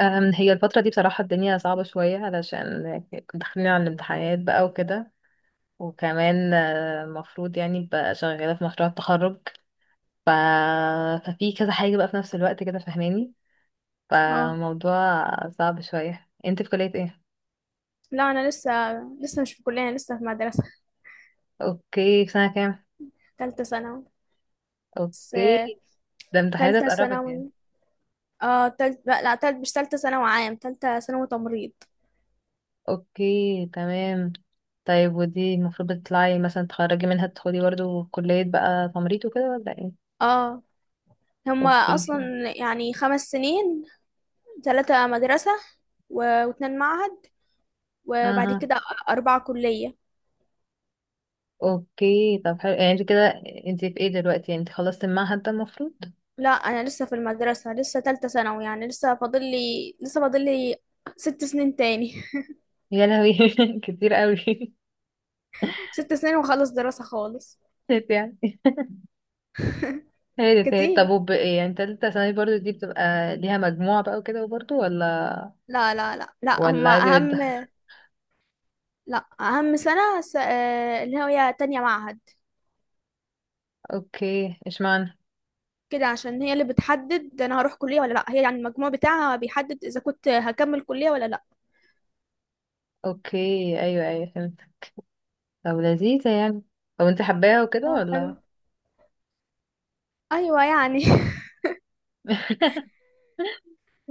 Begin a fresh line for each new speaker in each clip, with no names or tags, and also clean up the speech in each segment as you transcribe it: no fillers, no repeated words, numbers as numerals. هي الفترة دي بصراحة الدنيا صعبة شوية علشان داخلين على الامتحانات بقى وكده. وكمان المفروض يعني بقى شغالة في مشروع التخرج. ف... ففي كذا حاجة بقى في نفس الوقت كده فاهماني.
اه.
فموضوع صعب شوية. انت في كلية ايه؟
لا، انا لسه مش في كلية. انا لسه في مدرسة.
اوكي، في سنة كام؟
تالتة ثانوي. بس
اوكي. ده امتحانات
تالتة
قربت يعني.
ثانوي. اه، تالت، لا لا، تالت، مش تالتة ثانوي عام، تالتة ثانوي تمريض.
اوكي تمام. طيب ودي المفروض بتطلعي مثلا تخرجي منها تدخلي برضو كلية بقى تمريض وكده ولا ايه؟
اه، هما اصلا
اوكي.
يعني 5 سنين: 3 مدرسة و2 معهد، وبعد
اها.
كده 4 كلية.
اوكي طب حلو. يعني انت كده انت في ايه دلوقتي؟ يعني انت خلصت المعهد ده المفروض.
لا، أنا لسه في المدرسة، لسه تالتة ثانوي يعني. لسه فاضل لي 6 سنين تاني.
يا لهوي كتير قوي.
6 سنين وخلص دراسة خالص.
يعني هادت هادت.
كتير.
طب يعني تالتة ثانوي برضو دي بتبقى ليها مجموعة بقى وكده برضو ولا
لا لا لا لا،
ولا
هما
عادي
أهم.
بده؟
لا، اهم سنه س... آه، اللي هي تانية معهد،
اوكي اشمعنى؟
كده، عشان هي اللي بتحدد انا هروح كليه ولا لا. هي يعني المجموع بتاعها بيحدد اذا كنت هكمل كليه ولا لا.
اوكي ايوه ايوه فهمت. طب لذيذة يعني. طب انت حباها وكده
اه، حلو.
ولا؟
ايوه يعني.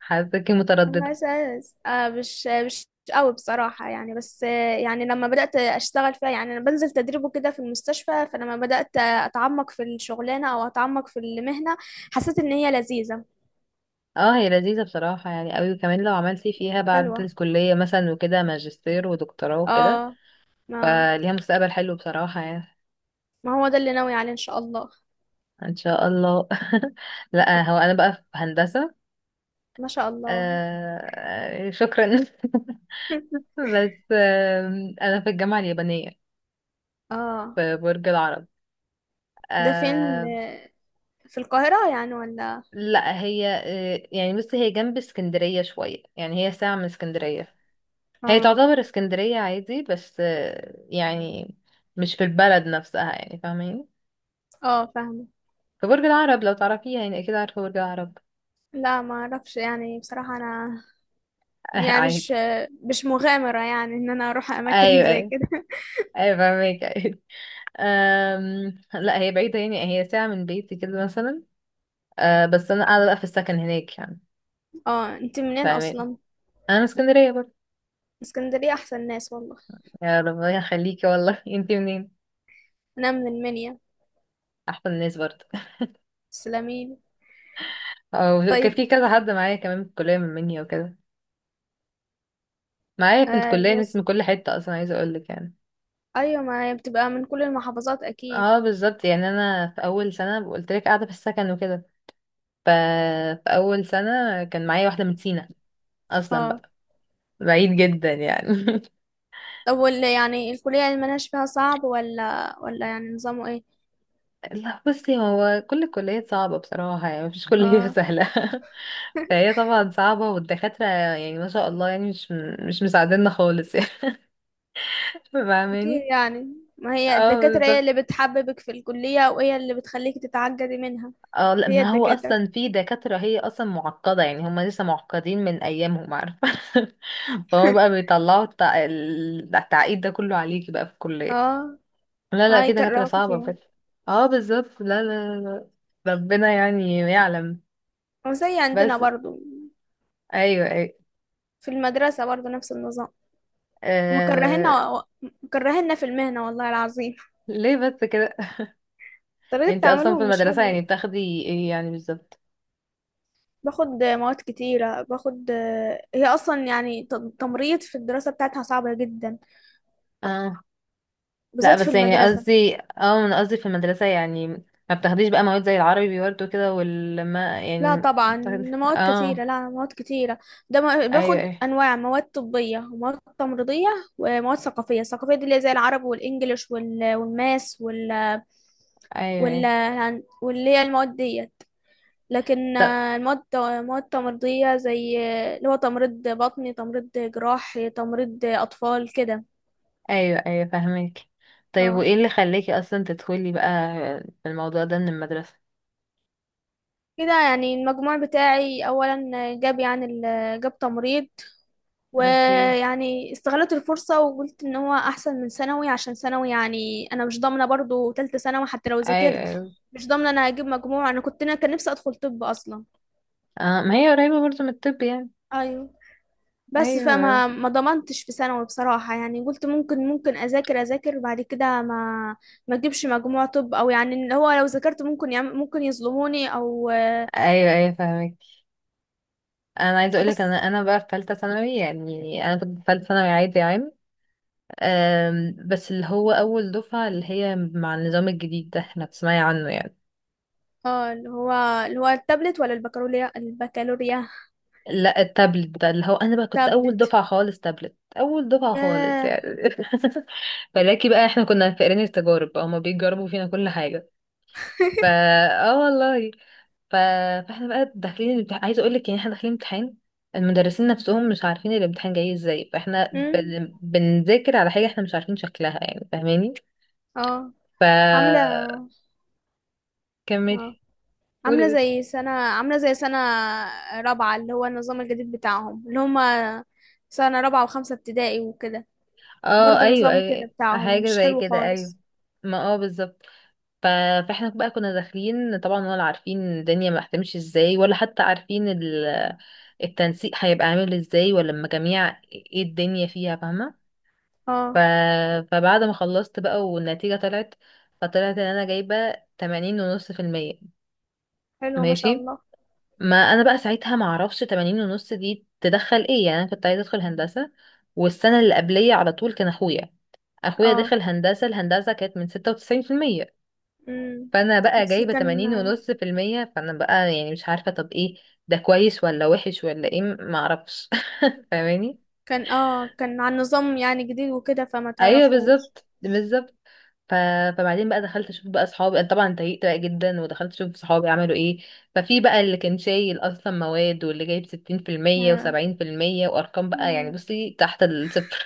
حاساكي
انا
مترددة.
اساس مش قوي بصراحه يعني. بس يعني لما بدات اشتغل فيها، يعني انا بنزل تدريب وكده في المستشفى، فلما بدات اتعمق في الشغلانه او اتعمق في المهنه حسيت ان هي لذيذه.
اه هي لذيذة بصراحة يعني قوي، وكمان لو عملتي فيها بعد
حلوة.
الكلية مثلا وكده ماجستير ودكتوراه وكده،
اه، ما
فليها مستقبل حلو بصراحة يعني.
ما هو ده اللي ناوي عليه ان شاء الله.
ان شاء الله. لا هو انا بقى في هندسة.
ما شاء الله.
آه شكرا. بس انا في الجامعة اليابانية
اه،
في برج العرب.
ده فين
آه
في القاهرة يعني ولا؟
لا هي يعني بس هي جنب اسكندرية شوية، يعني هي ساعة من اسكندرية. هي
اه،
تعتبر اسكندرية عادي، بس يعني مش في البلد نفسها يعني، فاهمين.
اه، فاهمة.
في برج العرب، لو تعرفيها يعني اكيد عارفة برج العرب.
لا، ما اعرفش يعني بصراحة انا. يعني مش
عادي.
آه، مش مغامرة يعني ان انا اروح اماكن
ايوه
زي
ايوه.
كده.
ايوه فاهمك. لا هي بعيدة، يعني هي ساعة من بيتي كده مثلا. أه بس أنا قاعدة بقى في السكن هناك يعني،
اه، انت منين
فاهمين.
اصلا؟
أنا من اسكندرية برضه.
اسكندرية احسن ناس والله.
يا ربنا يخليكي والله. انتي منين؟
انا من المنيا
أحسن الناس برضه.
السلامين.
أو كان
طيب.
في كذا حد معايا كمان في الكلية من مني وكده. معايا بنت كلية ناس
يس.
من كل حتة أصلا، عايزة أقولك يعني.
ايوه، ما هي بتبقى من كل المحافظات اكيد.
اه بالظبط يعني. أنا في أول سنة قلت لك قاعدة في السكن وكده. ف... في أول سنة كان معايا واحدة من سينا أصلا
اه،
بقى، بعيد جدا يعني.
طب يعني الكلية اللي ملهاش فيها صعب ولا يعني نظامه ايه؟
لا بصي، هو كل الكليات صعبة بصراحة يعني. مفيش كلية
اه،
سهلة. فهي طبعا صعبة، والدكاترة يعني ما شاء الله يعني مش مساعديننا خالص يعني.
أكيد
فاهماني.
يعني. ما هي
اه
الدكاترة هي
بالظبط.
اللي بتحببك في الكلية، وهي اللي بتخليك تتعجبي منها.
اه لا
هي
ما هو
الدكاترة.
اصلا في دكاترة هي اصلا معقدة، يعني هم لسه معقدين من ايامهم، عارفة. فهم بقى بيطلعوا التعقيد ده كله عليكي بقى في الكلية.
اه،
لا لا في دكاترة
هيكرهوك
صعبة
فيها.
بس. اه بالظبط. لا لا لا ربنا يعني يعلم
وزي عندنا
بس.
برضو.
ايوه ايوه.
في المدرسة برضو نفس النظام.
آه،
مكرهنا و... مكرهنا في المهنة والله العظيم.
ليه بس كده؟
طريقة
انت اصلا في
تعاملهم مش
المدرسة
حلوة.
يعني بتاخدي ايه يعني بالظبط؟
باخد مواد كتيرة. هي أصلا يعني تمريض في الدراسة بتاعتها صعبة جدا،
اه لا
بالذات في
بس يعني
المدرسة.
قصدي، اه انا قصدي في المدرسة يعني ما بتاخديش بقى مواد زي العربي برضه كده والما،
لا
يعني
طبعا،
بتاخدي.
مواد
اه
كتيرة. لا، مواد كتيرة. ده
ايوه
باخد
ايوه.
أنواع مواد طبية ومواد تمريضية ومواد ثقافية. الثقافية دي اللي هي زي العربي والإنجليش والماس وال
ايوه
وال
ايوه.
يعني، واللي هي المواد ديت. لكن
طب
مواد تمريضية زي اللي هو تمريض بطني، تمريض جراح، تمريض أطفال كده.
ايوه ايوه فاهمك. طيب
اه،
وايه اللي خلاكي اصلا تدخلي بقى في الموضوع ده من المدرسة؟
كده يعني. المجموع بتاعي أولا جاب يعني جاب تمريض.
اوكي.
ويعني استغلت الفرصة وقلت ان هو احسن من ثانوي، عشان ثانوي يعني انا مش ضامنة برضو تالتة ثانوي حتى لو
ايوه
ذاكرت.
ايوه.
مش ضامنة انا هجيب مجموع. انا كان نفسي ادخل طب اصلا.
اه ما هي قريبة برضه من الطب يعني.
ايوه. بس
ايوه
فما ما ضمنتش في ثانوي بصراحة يعني. قلت ممكن اذاكر بعد كده، ما اجيبش مجموع طب. او يعني اللي هو لو ذاكرت ممكن ممكن يظلموني او.
ايوه. ايوه فاهمك. انا عايزه اقول
بس
لك، انا بقى في ثالثه ثانوي، يعني انا كنت في ثالثه ثانوي عادي عام. بس اللي هو اول دفعه اللي هي مع النظام الجديد ده، احنا بتسمعي عنه يعني.
اه، اللي هو التابلت ولا البكالوريا؟ البكالوريا.
لا التابلت ده، اللي هو انا بقى كنت اول
تابلت.
دفعه خالص تابلت، اول دفعه خالص
ياه.
يعني. فلاكي بقى احنا كنا فاقرين التجارب بقى، هما بيجربوا فينا كل حاجه. فا اه والله. ف... فاحنا بقى داخلين الامتحان، عايزه اقول لك يعني احنا داخلين امتحان، المدرسين نفسهم مش عارفين الامتحان جاي ازاي، فاحنا
امم
بنذاكر على حاجه احنا مش عارفين شكلها يعني، فاهماني.
اه،
ف
عاملة
كملي.
اه
قولي قولي.
عاملة زي سنة رابعة، اللي هو النظام الجديد بتاعهم، اللي هما سنة رابعة وخمسة ابتدائي وكده.
اه
برضو
ايوه
نظام كده
ايوه
بتاعهم
حاجه
مش
زي
حلو
كده ايوه.
خالص.
ما اه بالظبط. ف... فاحنا بقى كنا داخلين طبعا ولا عارفين الدنيا ما هتمشي ازاي، ولا حتى عارفين التنسيق هيبقى عامل ازاي، ولا المجاميع ايه الدنيا فيها، فاهمه. ف...
اه،
فبعد ما خلصت بقى والنتيجة طلعت، فطلعت ان انا جايبة 80.5%.
حلو ما شاء
ماشي.
الله.
ما انا بقى ساعتها ما اعرفش 80.5 دي تدخل ايه، يعني انا كنت عايزة ادخل هندسة. والسنة اللي قبلية على طول كان اخويا، اخويا
اه،
دخل هندسة، الهندسة كانت من 96%.
امم
فانا بقى
بس
جايبة
كان
80.5%، فانا بقى يعني مش عارفة طب ايه، ده كويس ولا وحش ولا ايه ما اعرفش. فاهماني.
كان اه كان عن نظام يعني جديد وكده، فما
ايوه
تعرفوش.
بالظبط بالظبط. ف... فبعدين بقى دخلت اشوف بقى اصحابي، انا طبعا اتضايقت بقى جدا، ودخلت اشوف صحابي عملوا ايه. ففي بقى اللي كان شايل اصلا مواد، واللي جايب 60%
اه.
و70% وارقام بقى يعني
مم.
بصي تحت الصفر.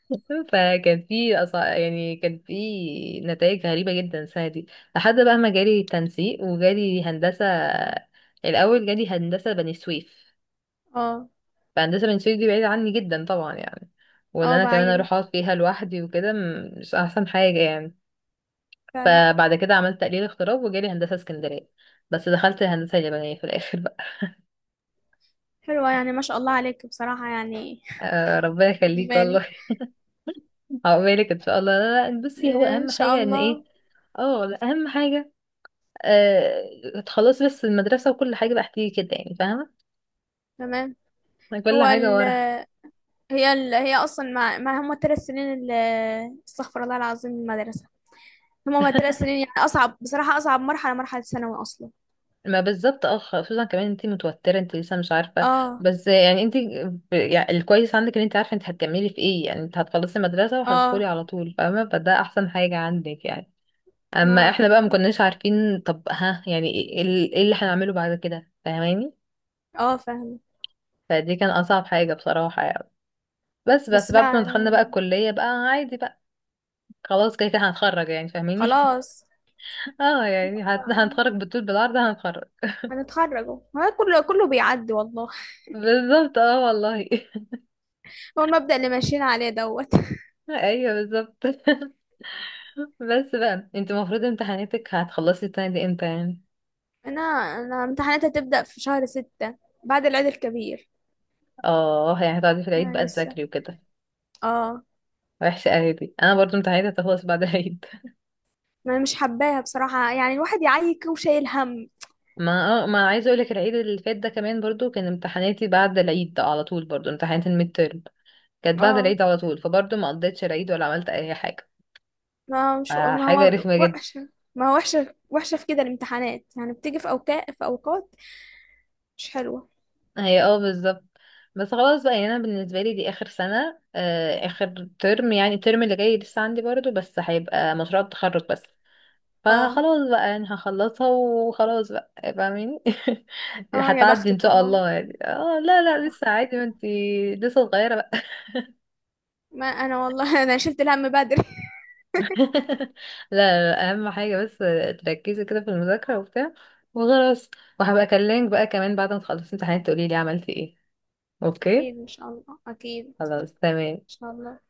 فكان في يعني كان في نتائج غريبة جدا السنة دي، لحد بقى ما جالي تنسيق وجالي هندسة. الاول جالي هندسة بني سويف.
اه،
فهندسة بني سويف دي بعيدة عني جدا طبعا يعني، وان انا كمان
بعيدة
اروح اقعد فيها لوحدي وكده مش احسن حاجة يعني.
فعلا.
فبعد كده عملت تقليل اغتراب وجالي هندسة اسكندرية، بس دخلت هندسة يابانية في الآخر بقى.
حلوة يعني، ما شاء الله عليك بصراحة يعني،
آه ربنا يخليك
عجباني.
والله. عقبالك إن شاء الله. لا لا بصي، هو
ان
أهم
شاء
حاجة إن إيه،
الله.
اه لا، أهم حاجة، آه خلاص، بس المدرسة وكل حاجة بقى هتيجي كده يعني، فاهمة.
تمام.
يعني كل
هو
حاجة
ال
ورا.
هي اصلا ما هم الثلاث سنين اللي استغفر الله العظيم المدرسه. هم الثلاث سنين يعني اصعب بصراحه، اصعب مرحله ثانوي اصلا.
ما بالظبط. اه خصوصا كمان انتي متوترة، انتي لسه مش عارفة.
اه،
بس يعني انتي يعني الكويس عندك ان انتي عارفة انتي هتكملي في ايه يعني، انت هتخلصي المدرسة وهتدخلي
اه،
على طول، فاهمة. فده احسن حاجة عندك يعني. اما احنا
ما
بقى ما كناش عارفين طب ها يعني ايه، إيه إيه اللي هنعمله بعد كده، فاهماني.
اه فاهمه.
فدي كان اصعب حاجة بصراحة يعني. بس
بس
بعد ما
لا،
دخلنا بقى الكلية بقى عادي بقى، خلاص كده كده هنتخرج يعني فاهماني.
خلاص
اه يعني هنتخرج بالطول بالعرض هنتخرج.
هنتخرج أهو. هو كله كله بيعدي والله.
بالظبط اه والله.
هو المبدأ اللي ماشيين عليه دوت.
ايوه بالظبط. بس بقى انت المفروض امتحاناتك هتخلصي السنة دي امتى يعني؟
انا انا امتحاناتي هتبدأ في شهر 6 بعد العيد الكبير.
اه يعني هتقعدي في العيد
انا
بقى
لسه.
تذاكري وكده.
اه.
وحشة قوي دي، انا برضو امتحاناتي هتخلص بعد العيد.
ما أنا مش حباها بصراحة يعني، الواحد يعيك وشايل هم.
ما اه ما عايزه اقول لك، العيد اللي فات ده كمان برضو كان امتحاناتي بعد العيد على طول، برضو امتحانات الميد تيرم كانت بعد
اه،
العيد على طول، فبرضو ما قضيتش العيد ولا عملت اي حاجه.
ما
حاجه
هو
رخمه جدا.
وحشة. ما هو وحشة، وحشة في كده الامتحانات يعني، بتيجي في أوقات، في أوقات مش حلوة.
هي اه بالظبط. بس خلاص بقى يعني انا بالنسبه لي دي اخر سنه، اخر ترم، يعني الترم اللي جاي لسه عندي برضو، بس هيبقى مشروع التخرج بس،
اه،
فخلاص بقى يعني هخلصها وخلاص بقى، فاهمين.
اه، يا
هتعدي ان
بختك
شاء
والله.
الله يعني. اه لا لا لسه
بخت-
عادي ما انتي لسه صغيره.
ما أنا والله. أنا شلت الهم بدري.
لا لا، اهم حاجه بس تركزي كده في المذاكره وبتاع وخلاص. وهبقى اكلمك بقى كمان بعد ما تخلصي امتحانات تقولي لي عملتي ايه. اوكي
أكيد إن شاء الله، أكيد إن
خلاص تمام.
شاء الله.